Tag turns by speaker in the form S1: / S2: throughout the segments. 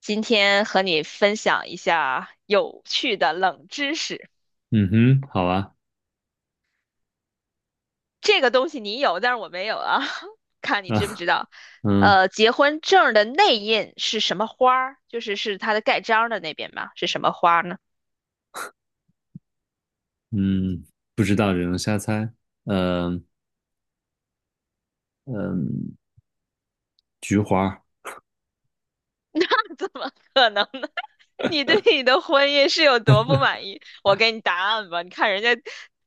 S1: 今天和你分享一下有趣的冷知识。
S2: 嗯哼，好啊，
S1: 这个东西你有，但是我没有啊，看你知不知
S2: 啊，
S1: 道。
S2: 嗯
S1: 结婚证儿的内印是什么花儿？就是它的盖章儿的那边吧，是什么花儿呢？
S2: 嗯，不知道，只能瞎猜。嗯嗯，菊花儿
S1: 你对你的婚姻是有多不满意？我给你答案吧，你看人家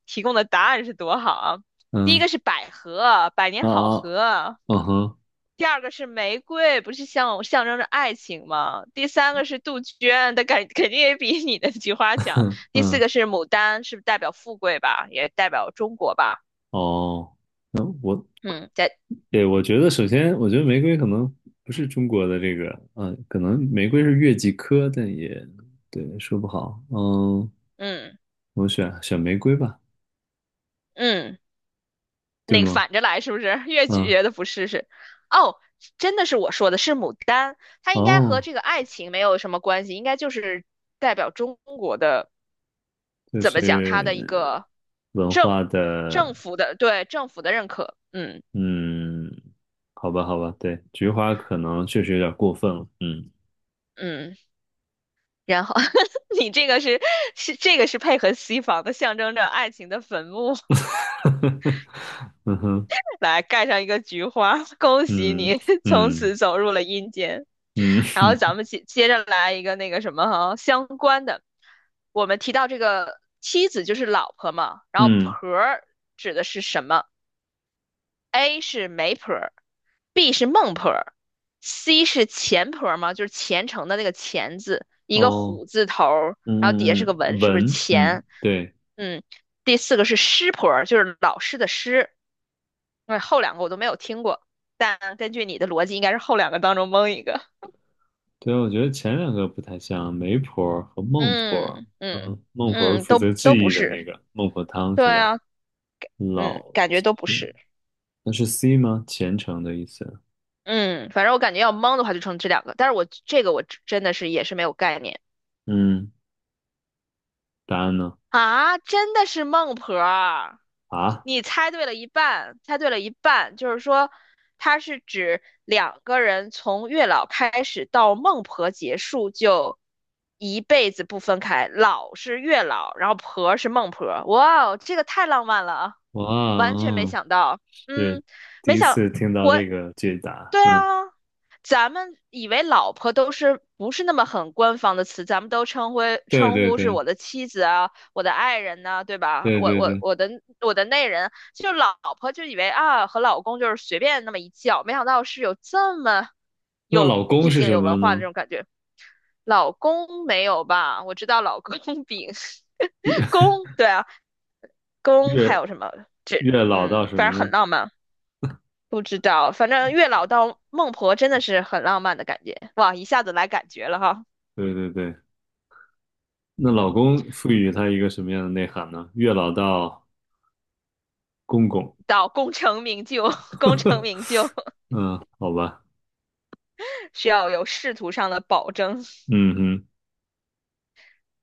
S1: 提供的答案是多好啊。第一
S2: 嗯
S1: 个是百合，百年好
S2: 啊啊，
S1: 合；
S2: 嗯哼，
S1: 第二个是玫瑰，不是象征着爱情吗？第三个是杜鹃，它肯定也比你的菊花强。第四
S2: 嗯
S1: 个是牡丹，是不是代表富贵吧？也代表中国吧？
S2: 哦，那我
S1: 嗯，在
S2: 对，我觉得首先，我觉得玫瑰可能不是中国的这个，可能玫瑰是月季科，但也对，说不好。嗯，
S1: 嗯
S2: 我选玫瑰吧，
S1: 嗯，
S2: 对
S1: 那个
S2: 吗？
S1: 反着来是不是？越
S2: 嗯，
S1: 觉得不是，哦，真的是我说的是牡丹，它应该和
S2: 哦，
S1: 这个爱情没有什么关系，应该就是代表中国的，
S2: 就
S1: 怎么讲，它的一
S2: 是
S1: 个
S2: 文
S1: 政
S2: 化的
S1: 政府的认可，嗯
S2: 嗯，好吧，好吧，对，菊花可能确实有点过分了。嗯，
S1: 嗯。然后 你这个是配合西方的，象征着爱情的坟墓，
S2: 嗯哼，
S1: 来盖上一个菊花，恭喜
S2: 嗯
S1: 你 从
S2: 嗯
S1: 此走入了阴间。
S2: 嗯
S1: 然后咱 们接着来一个那个什么哈相关的，我们提到这个妻子就是老婆嘛，然后
S2: 嗯，
S1: 婆儿指的是什么？A 是媒婆， B 是孟婆儿，C 是钱婆儿吗？就是虔诚的那个虔字，一个
S2: 哦，
S1: 虎字头儿，然后底下
S2: 嗯
S1: 是个
S2: 嗯嗯，
S1: 文，是不是
S2: 文，嗯，
S1: 钱？
S2: 对
S1: 嗯，第四个是师婆儿，就是老师的师。那后两个我都没有听过，但根据你的逻辑，应该是后两个当中蒙一个。
S2: 对，我觉得前两个不太像，媒婆和孟婆。
S1: 嗯嗯
S2: 嗯，孟婆是
S1: 嗯，
S2: 负
S1: 都
S2: 责
S1: 都
S2: 记
S1: 不
S2: 忆的那
S1: 是。
S2: 个孟婆汤
S1: 对
S2: 是吧？
S1: 啊，嗯，
S2: 老
S1: 感觉都不
S2: 钱，
S1: 是。
S2: 那是 C 吗？虔诚的意思。
S1: 嗯，反正我感觉要蒙的话就成这两个，但是我这个我真的是也是没有概念。
S2: 嗯，答案呢？
S1: 啊，真的是孟婆儿。
S2: 啊，
S1: 你猜对了一半，猜对了一半，就是说，它是指两个人从月老开始到孟婆结束，就一辈子不分开。老是月老，然后婆是孟婆。哇哦，这个太浪漫了啊，
S2: 哇，
S1: 完全没
S2: 嗯，
S1: 想到。
S2: 是
S1: 嗯，
S2: 第
S1: 没
S2: 一
S1: 想
S2: 次听到
S1: 我，
S2: 这个解答。
S1: 对
S2: 嗯。
S1: 啊，咱们以为老婆都是不是那么很官方的词，咱们都称呼
S2: 对
S1: 称
S2: 对
S1: 呼是
S2: 对
S1: 我的妻子啊，我的爱人呢，对吧？
S2: 对对对，
S1: 我的内人，就老婆就以为啊和老公就是随便那么一叫，没想到是有这么
S2: 那
S1: 有
S2: 老公
S1: 意
S2: 是
S1: 境、
S2: 什
S1: 有文
S2: 么
S1: 化的这
S2: 呢？
S1: 种感觉。老公没有吧？我知道老公饼 公，对啊，公还
S2: 月
S1: 有什么这
S2: 月老到
S1: 嗯，
S2: 什
S1: 反
S2: 么
S1: 正很
S2: 呢？
S1: 浪漫。不知道，反正月老到孟婆真的是很浪漫的感觉，哇，一下子来感觉了哈。
S2: 对对对，那老公赋予他一个什么样的内涵呢？月老到公公，
S1: 到功成名就，功 成名就
S2: 嗯，好吧，
S1: 需要有仕途上的保证。
S2: 嗯哼，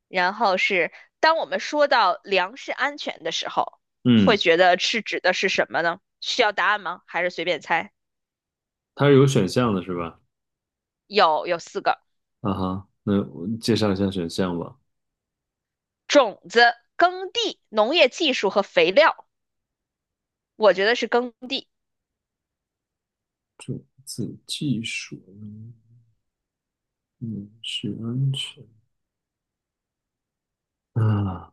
S1: 然后是当我们说到粮食安全的时候，会
S2: 嗯，
S1: 觉得是指的是什么呢？需要答案吗？还是随便猜？
S2: 它是有选项的是吧？
S1: 有四个：
S2: 啊哈，那我介绍一下选项吧。
S1: 种子、耕地、农业技术和肥料。我觉得是耕地。
S2: 种子技术，嗯，是安全啊，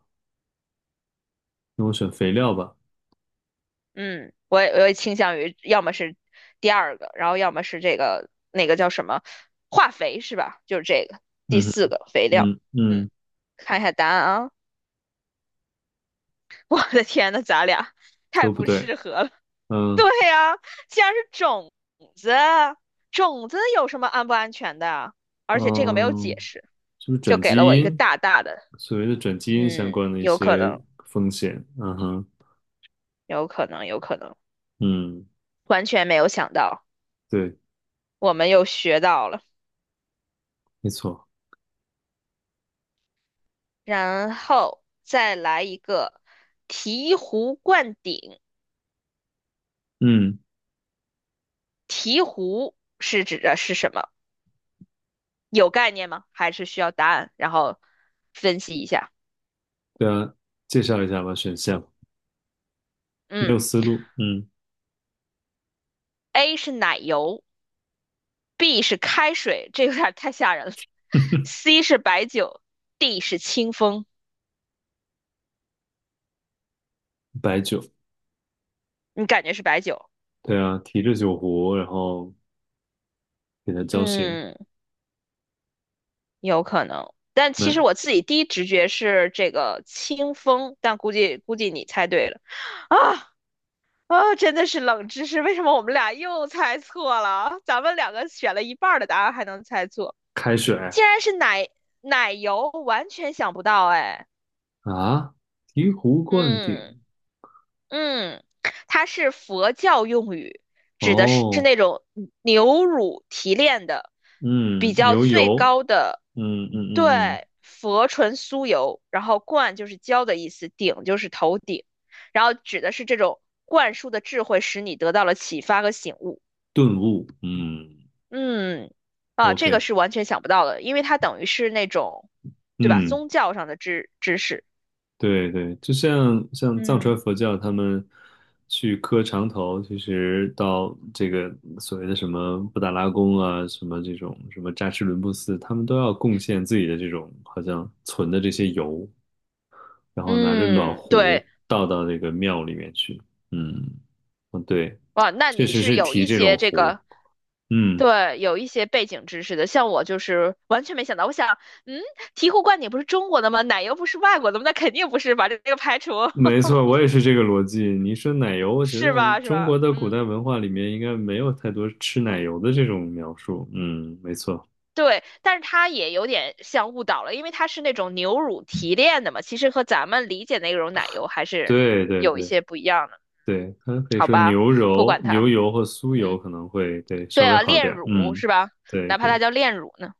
S2: 那我选肥料吧。
S1: 嗯，我也倾向于要么是第二个，然后要么是这个那个叫什么化肥是吧？就是这个第
S2: 嗯哼
S1: 四个肥料。
S2: 嗯
S1: 嗯，
S2: 嗯，
S1: 看一下答案啊！我的天呐，咱俩太
S2: 都不
S1: 不
S2: 对，
S1: 适合了。对
S2: 嗯
S1: 呀，既然是种子，种子有什么安不安全的啊？而且这个没有解
S2: 嗯。
S1: 释，
S2: 是不是
S1: 就
S2: 转
S1: 给了
S2: 基
S1: 我一个
S2: 因？
S1: 大大的，
S2: 所谓的转基因相
S1: 嗯，
S2: 关的一
S1: 有可
S2: 些
S1: 能，
S2: 风险，嗯哼，
S1: 有可能，有可能，
S2: 嗯，
S1: 完全没有想到，
S2: 对，
S1: 我们又学到了。
S2: 没错，
S1: 然后再来一个醍醐灌顶，
S2: 嗯，
S1: 醍醐是指的是什么？有概念吗？还是需要答案？然后分析一下。
S2: 对啊，介绍一下吧，选项没有
S1: 嗯
S2: 思路，嗯，
S1: ，A 是奶油。B 是开水，这有点太吓人了。C 是白酒，D 是清风。
S2: 白酒，
S1: 你感觉是白酒？
S2: 对啊，提着酒壶，然后给它浇醒，
S1: 嗯，有可能。但其实
S2: 那
S1: 我自己第一直觉是这个清风，但估计你猜对了。啊啊，真的是冷知识，为什么我们俩又猜错了啊？咱们两个选了一半儿的答案还能猜错，
S2: 开水
S1: 竟然是奶油，完全想不到哎。
S2: 啊，醍醐灌
S1: 嗯。
S2: 顶，
S1: 嗯，它是佛教用语，指的是
S2: 哦，
S1: 那种牛乳提炼的比
S2: 嗯，
S1: 较
S2: 牛
S1: 最
S2: 油，
S1: 高的，
S2: 嗯嗯嗯嗯，
S1: 对，佛纯酥油，然后冠就是浇的意思，顶就是头顶，然后指的是这种灌输的智慧，使你得到了启发和醒悟。
S2: 顿悟，嗯
S1: 嗯，啊，这个
S2: ，OK，
S1: 是完全想不到的，因为它等于是那种，对吧？
S2: 嗯。
S1: 宗教上的知识。
S2: 对对，就像藏
S1: 嗯。
S2: 传佛教，他们去磕长头，其实到这个所谓的什么布达拉宫啊，什么这种什么扎什伦布寺，他们都要贡献自己的这种好像存的这些油，然后拿着暖
S1: 嗯，
S2: 壶
S1: 对，
S2: 倒到那个庙里面去。嗯，嗯，对，
S1: 哇，那
S2: 确
S1: 你
S2: 实
S1: 是
S2: 是
S1: 有
S2: 提
S1: 一
S2: 这种
S1: 些这
S2: 壶。
S1: 个，
S2: 嗯。
S1: 对，有一些背景知识的。像我就是完全没想到，我想，嗯，醍醐灌顶不是中国的吗？奶油不是外国的吗？那肯定不是吧，这个排除
S2: 没错，我也是这个逻辑。你一说奶油，我觉
S1: 是
S2: 得
S1: 吧？是
S2: 中
S1: 吧？
S2: 国的古
S1: 嗯，
S2: 代文化里面应该没有太多吃奶油的这种描述。嗯，没错，
S1: 对。但是它也有点像误导了，因为它是那种牛乳提炼的嘛，其实和咱们理解那种奶油还是
S2: 对对
S1: 有一
S2: 对
S1: 些不一样的。
S2: 对，它可以
S1: 好
S2: 说
S1: 吧，
S2: 牛
S1: 不
S2: 油、
S1: 管
S2: 牛
S1: 它，
S2: 油或酥油
S1: 嗯，
S2: 可能会对稍
S1: 对
S2: 微
S1: 啊，
S2: 好
S1: 炼
S2: 点儿
S1: 乳
S2: 嗯，
S1: 是吧？
S2: 对
S1: 哪怕它
S2: 对，
S1: 叫炼乳呢，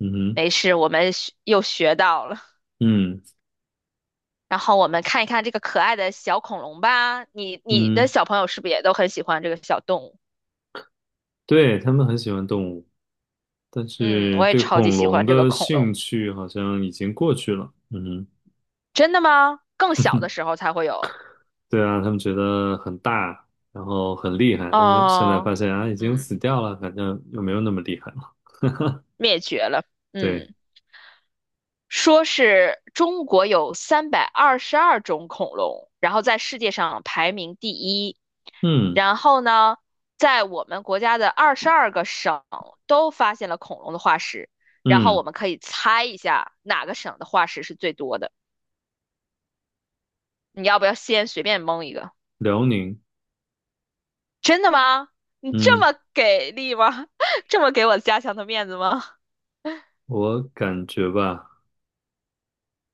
S2: 嗯哼，
S1: 没事，我们又学到了。
S2: 嗯
S1: 然后我们看一看这个可爱的小恐龙吧。你的
S2: 嗯，
S1: 小朋友是不是也都很喜欢这个小动物？
S2: 对，他们很喜欢动物，但
S1: 嗯，
S2: 是
S1: 我也
S2: 对
S1: 超级
S2: 恐
S1: 喜
S2: 龙
S1: 欢这个
S2: 的
S1: 恐
S2: 兴
S1: 龙。
S2: 趣好像已经过去了。嗯哼。
S1: 真的吗？更小的时候才会有
S2: 对啊，他们觉得很大，然后很厉害，但是现在
S1: 哦。
S2: 发现啊，已经
S1: 嗯，
S2: 死掉了，反正又没有那么厉害了。
S1: 灭绝了。
S2: 对，
S1: 嗯，说是中国有322种恐龙，然后在世界上排名第一。
S2: 嗯
S1: 然后呢，在我们国家的22个省都发现了恐龙的化石。然后
S2: 嗯，
S1: 我们可以猜一下哪个省的化石是最多的。你要不要先随便蒙一个？
S2: 辽宁，
S1: 真的吗？你这
S2: 嗯，
S1: 么给力吗？这么给我家乡的面子吗？
S2: 我感觉吧，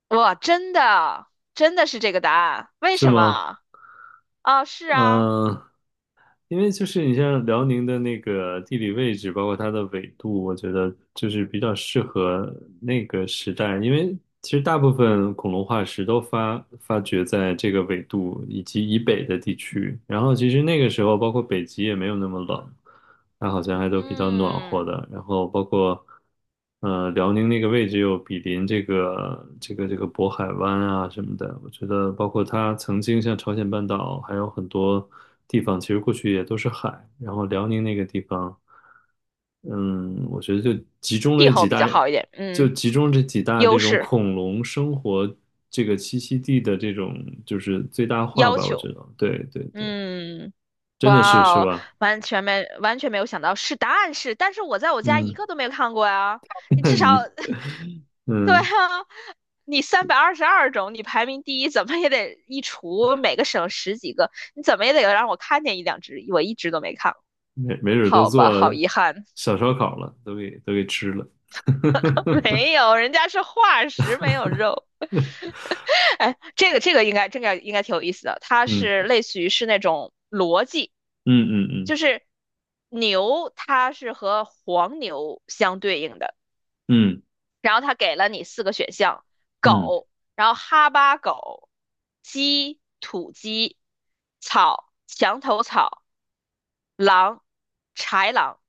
S1: 哇，真的，真的是这个答案？为
S2: 是
S1: 什
S2: 吗？
S1: 么？啊，是啊，
S2: 嗯、因为就是你像辽宁的那个地理位置，包括它的纬度，我觉得就是比较适合那个时代。因为其实大部分恐龙化石都发掘在这个纬度以及以北的地区，然后其实那个时候包括北极也没有那么冷，它好像还都比较暖和
S1: 嗯，
S2: 的。然后包括，辽宁那个位置又比邻这个渤海湾啊什么的。我觉得，包括它曾经像朝鲜半岛，还有很多地方，其实过去也都是海。然后辽宁那个地方，嗯，我觉得就集中
S1: 气
S2: 了
S1: 候
S2: 几
S1: 比
S2: 大，
S1: 较好一点，
S2: 就
S1: 嗯，
S2: 集中这几大这
S1: 优
S2: 种
S1: 势
S2: 恐龙生活这个栖息地的这种就是最大化
S1: 要
S2: 吧。我
S1: 求，
S2: 觉得，对对对，
S1: 嗯，
S2: 真的是
S1: 哇
S2: 是
S1: 哦，
S2: 吧？
S1: 完全没有想到是答案是，但是我在我家一
S2: 嗯，
S1: 个都没有看过呀，你
S2: 那
S1: 至少
S2: 你。
S1: 对啊，
S2: 嗯，
S1: 你322种，你排名第一，怎么也得一除每个省十几个，你怎么也得让我看见一两只，我一只都没看过。
S2: 没准儿都
S1: 好吧，好
S2: 做
S1: 遗憾，
S2: 小烧烤了，都给吃了。
S1: 没有，人家是化石，没有肉。哎，这个这个应该这个应该挺有意思的，它是
S2: 嗯
S1: 类似于是那种逻辑，
S2: 嗯嗯
S1: 就
S2: 嗯
S1: 是牛它是和黄牛相对应的，
S2: 嗯
S1: 然后他给了你四个选项：
S2: 嗯
S1: 狗，然后哈巴狗、鸡、土鸡、草、墙头草、狼、豺狼。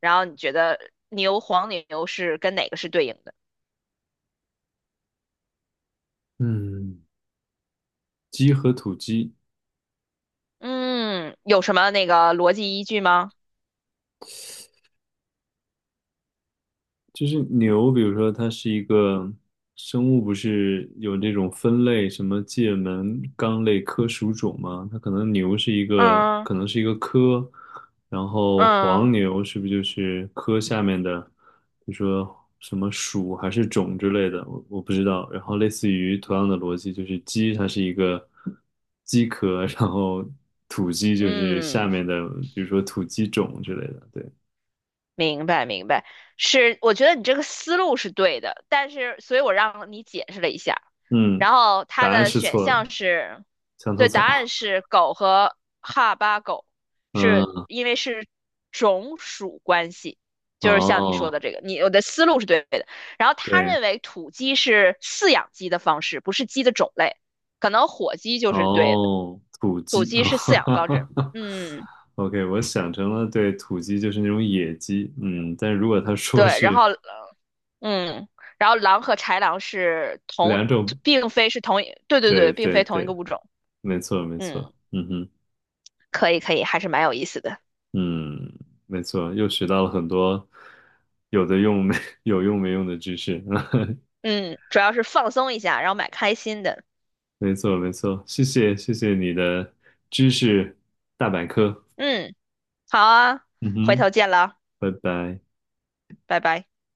S1: 然后你觉得牛、黄牛是跟哪个是对应的？
S2: 嗯，鸡和土鸡，
S1: 嗯，有什么那个逻辑依据吗？
S2: 就是牛，比如说它是一个生物，不是有这种分类，什么界门纲类科属种吗？它可能牛是一个，
S1: 嗯
S2: 可能是一个科，然后
S1: 嗯
S2: 黄牛是不是就是科下面的，比如说什么属还是种之类的，我不知道。然后类似于同样的逻辑，就是鸡它是一个鸡科，然后土鸡就是下
S1: 嗯，
S2: 面的，比如说土鸡种之类的。对，
S1: 明白，明白，是，我觉得你这个思路是对的，但是，所以我让你解释了一下，
S2: 嗯，
S1: 然后它
S2: 答案
S1: 的
S2: 是
S1: 选
S2: 错的，
S1: 项是，
S2: 墙头
S1: 对，答
S2: 草。
S1: 案是狗和哈巴狗，是
S2: 嗯，
S1: 因为是种属关系，就是像你说
S2: 哦，
S1: 的这个，你我的思路是对的。然后他
S2: 对，
S1: 认为土鸡是饲养鸡的方式，不是鸡的种类，可能火鸡就是对的，
S2: 哦，土
S1: 土
S2: 鸡
S1: 鸡
S2: 啊，
S1: 是饲
S2: 哈
S1: 养方式，
S2: 哈哈
S1: 嗯，
S2: OK，我想成了对土鸡就是那种野鸡，嗯，但如果他说
S1: 对，然
S2: 是
S1: 后嗯，然后狼和豺狼是同，
S2: 两种，
S1: 并非是同一，对对
S2: 对
S1: 对，并
S2: 对
S1: 非同一
S2: 对，
S1: 个物种。
S2: 没错没错，
S1: 嗯，
S2: 嗯哼，
S1: 可以可以，还是蛮有意思的。
S2: 嗯，没错，又学到了很多有的用没 有用没用的知识，
S1: 嗯，主要是放松一下，然后蛮开心的。
S2: 没错没错，谢谢你的知识，
S1: 嗯，好啊，
S2: 嗯
S1: 回
S2: 哼，
S1: 头见了，
S2: 拜拜。
S1: 拜拜。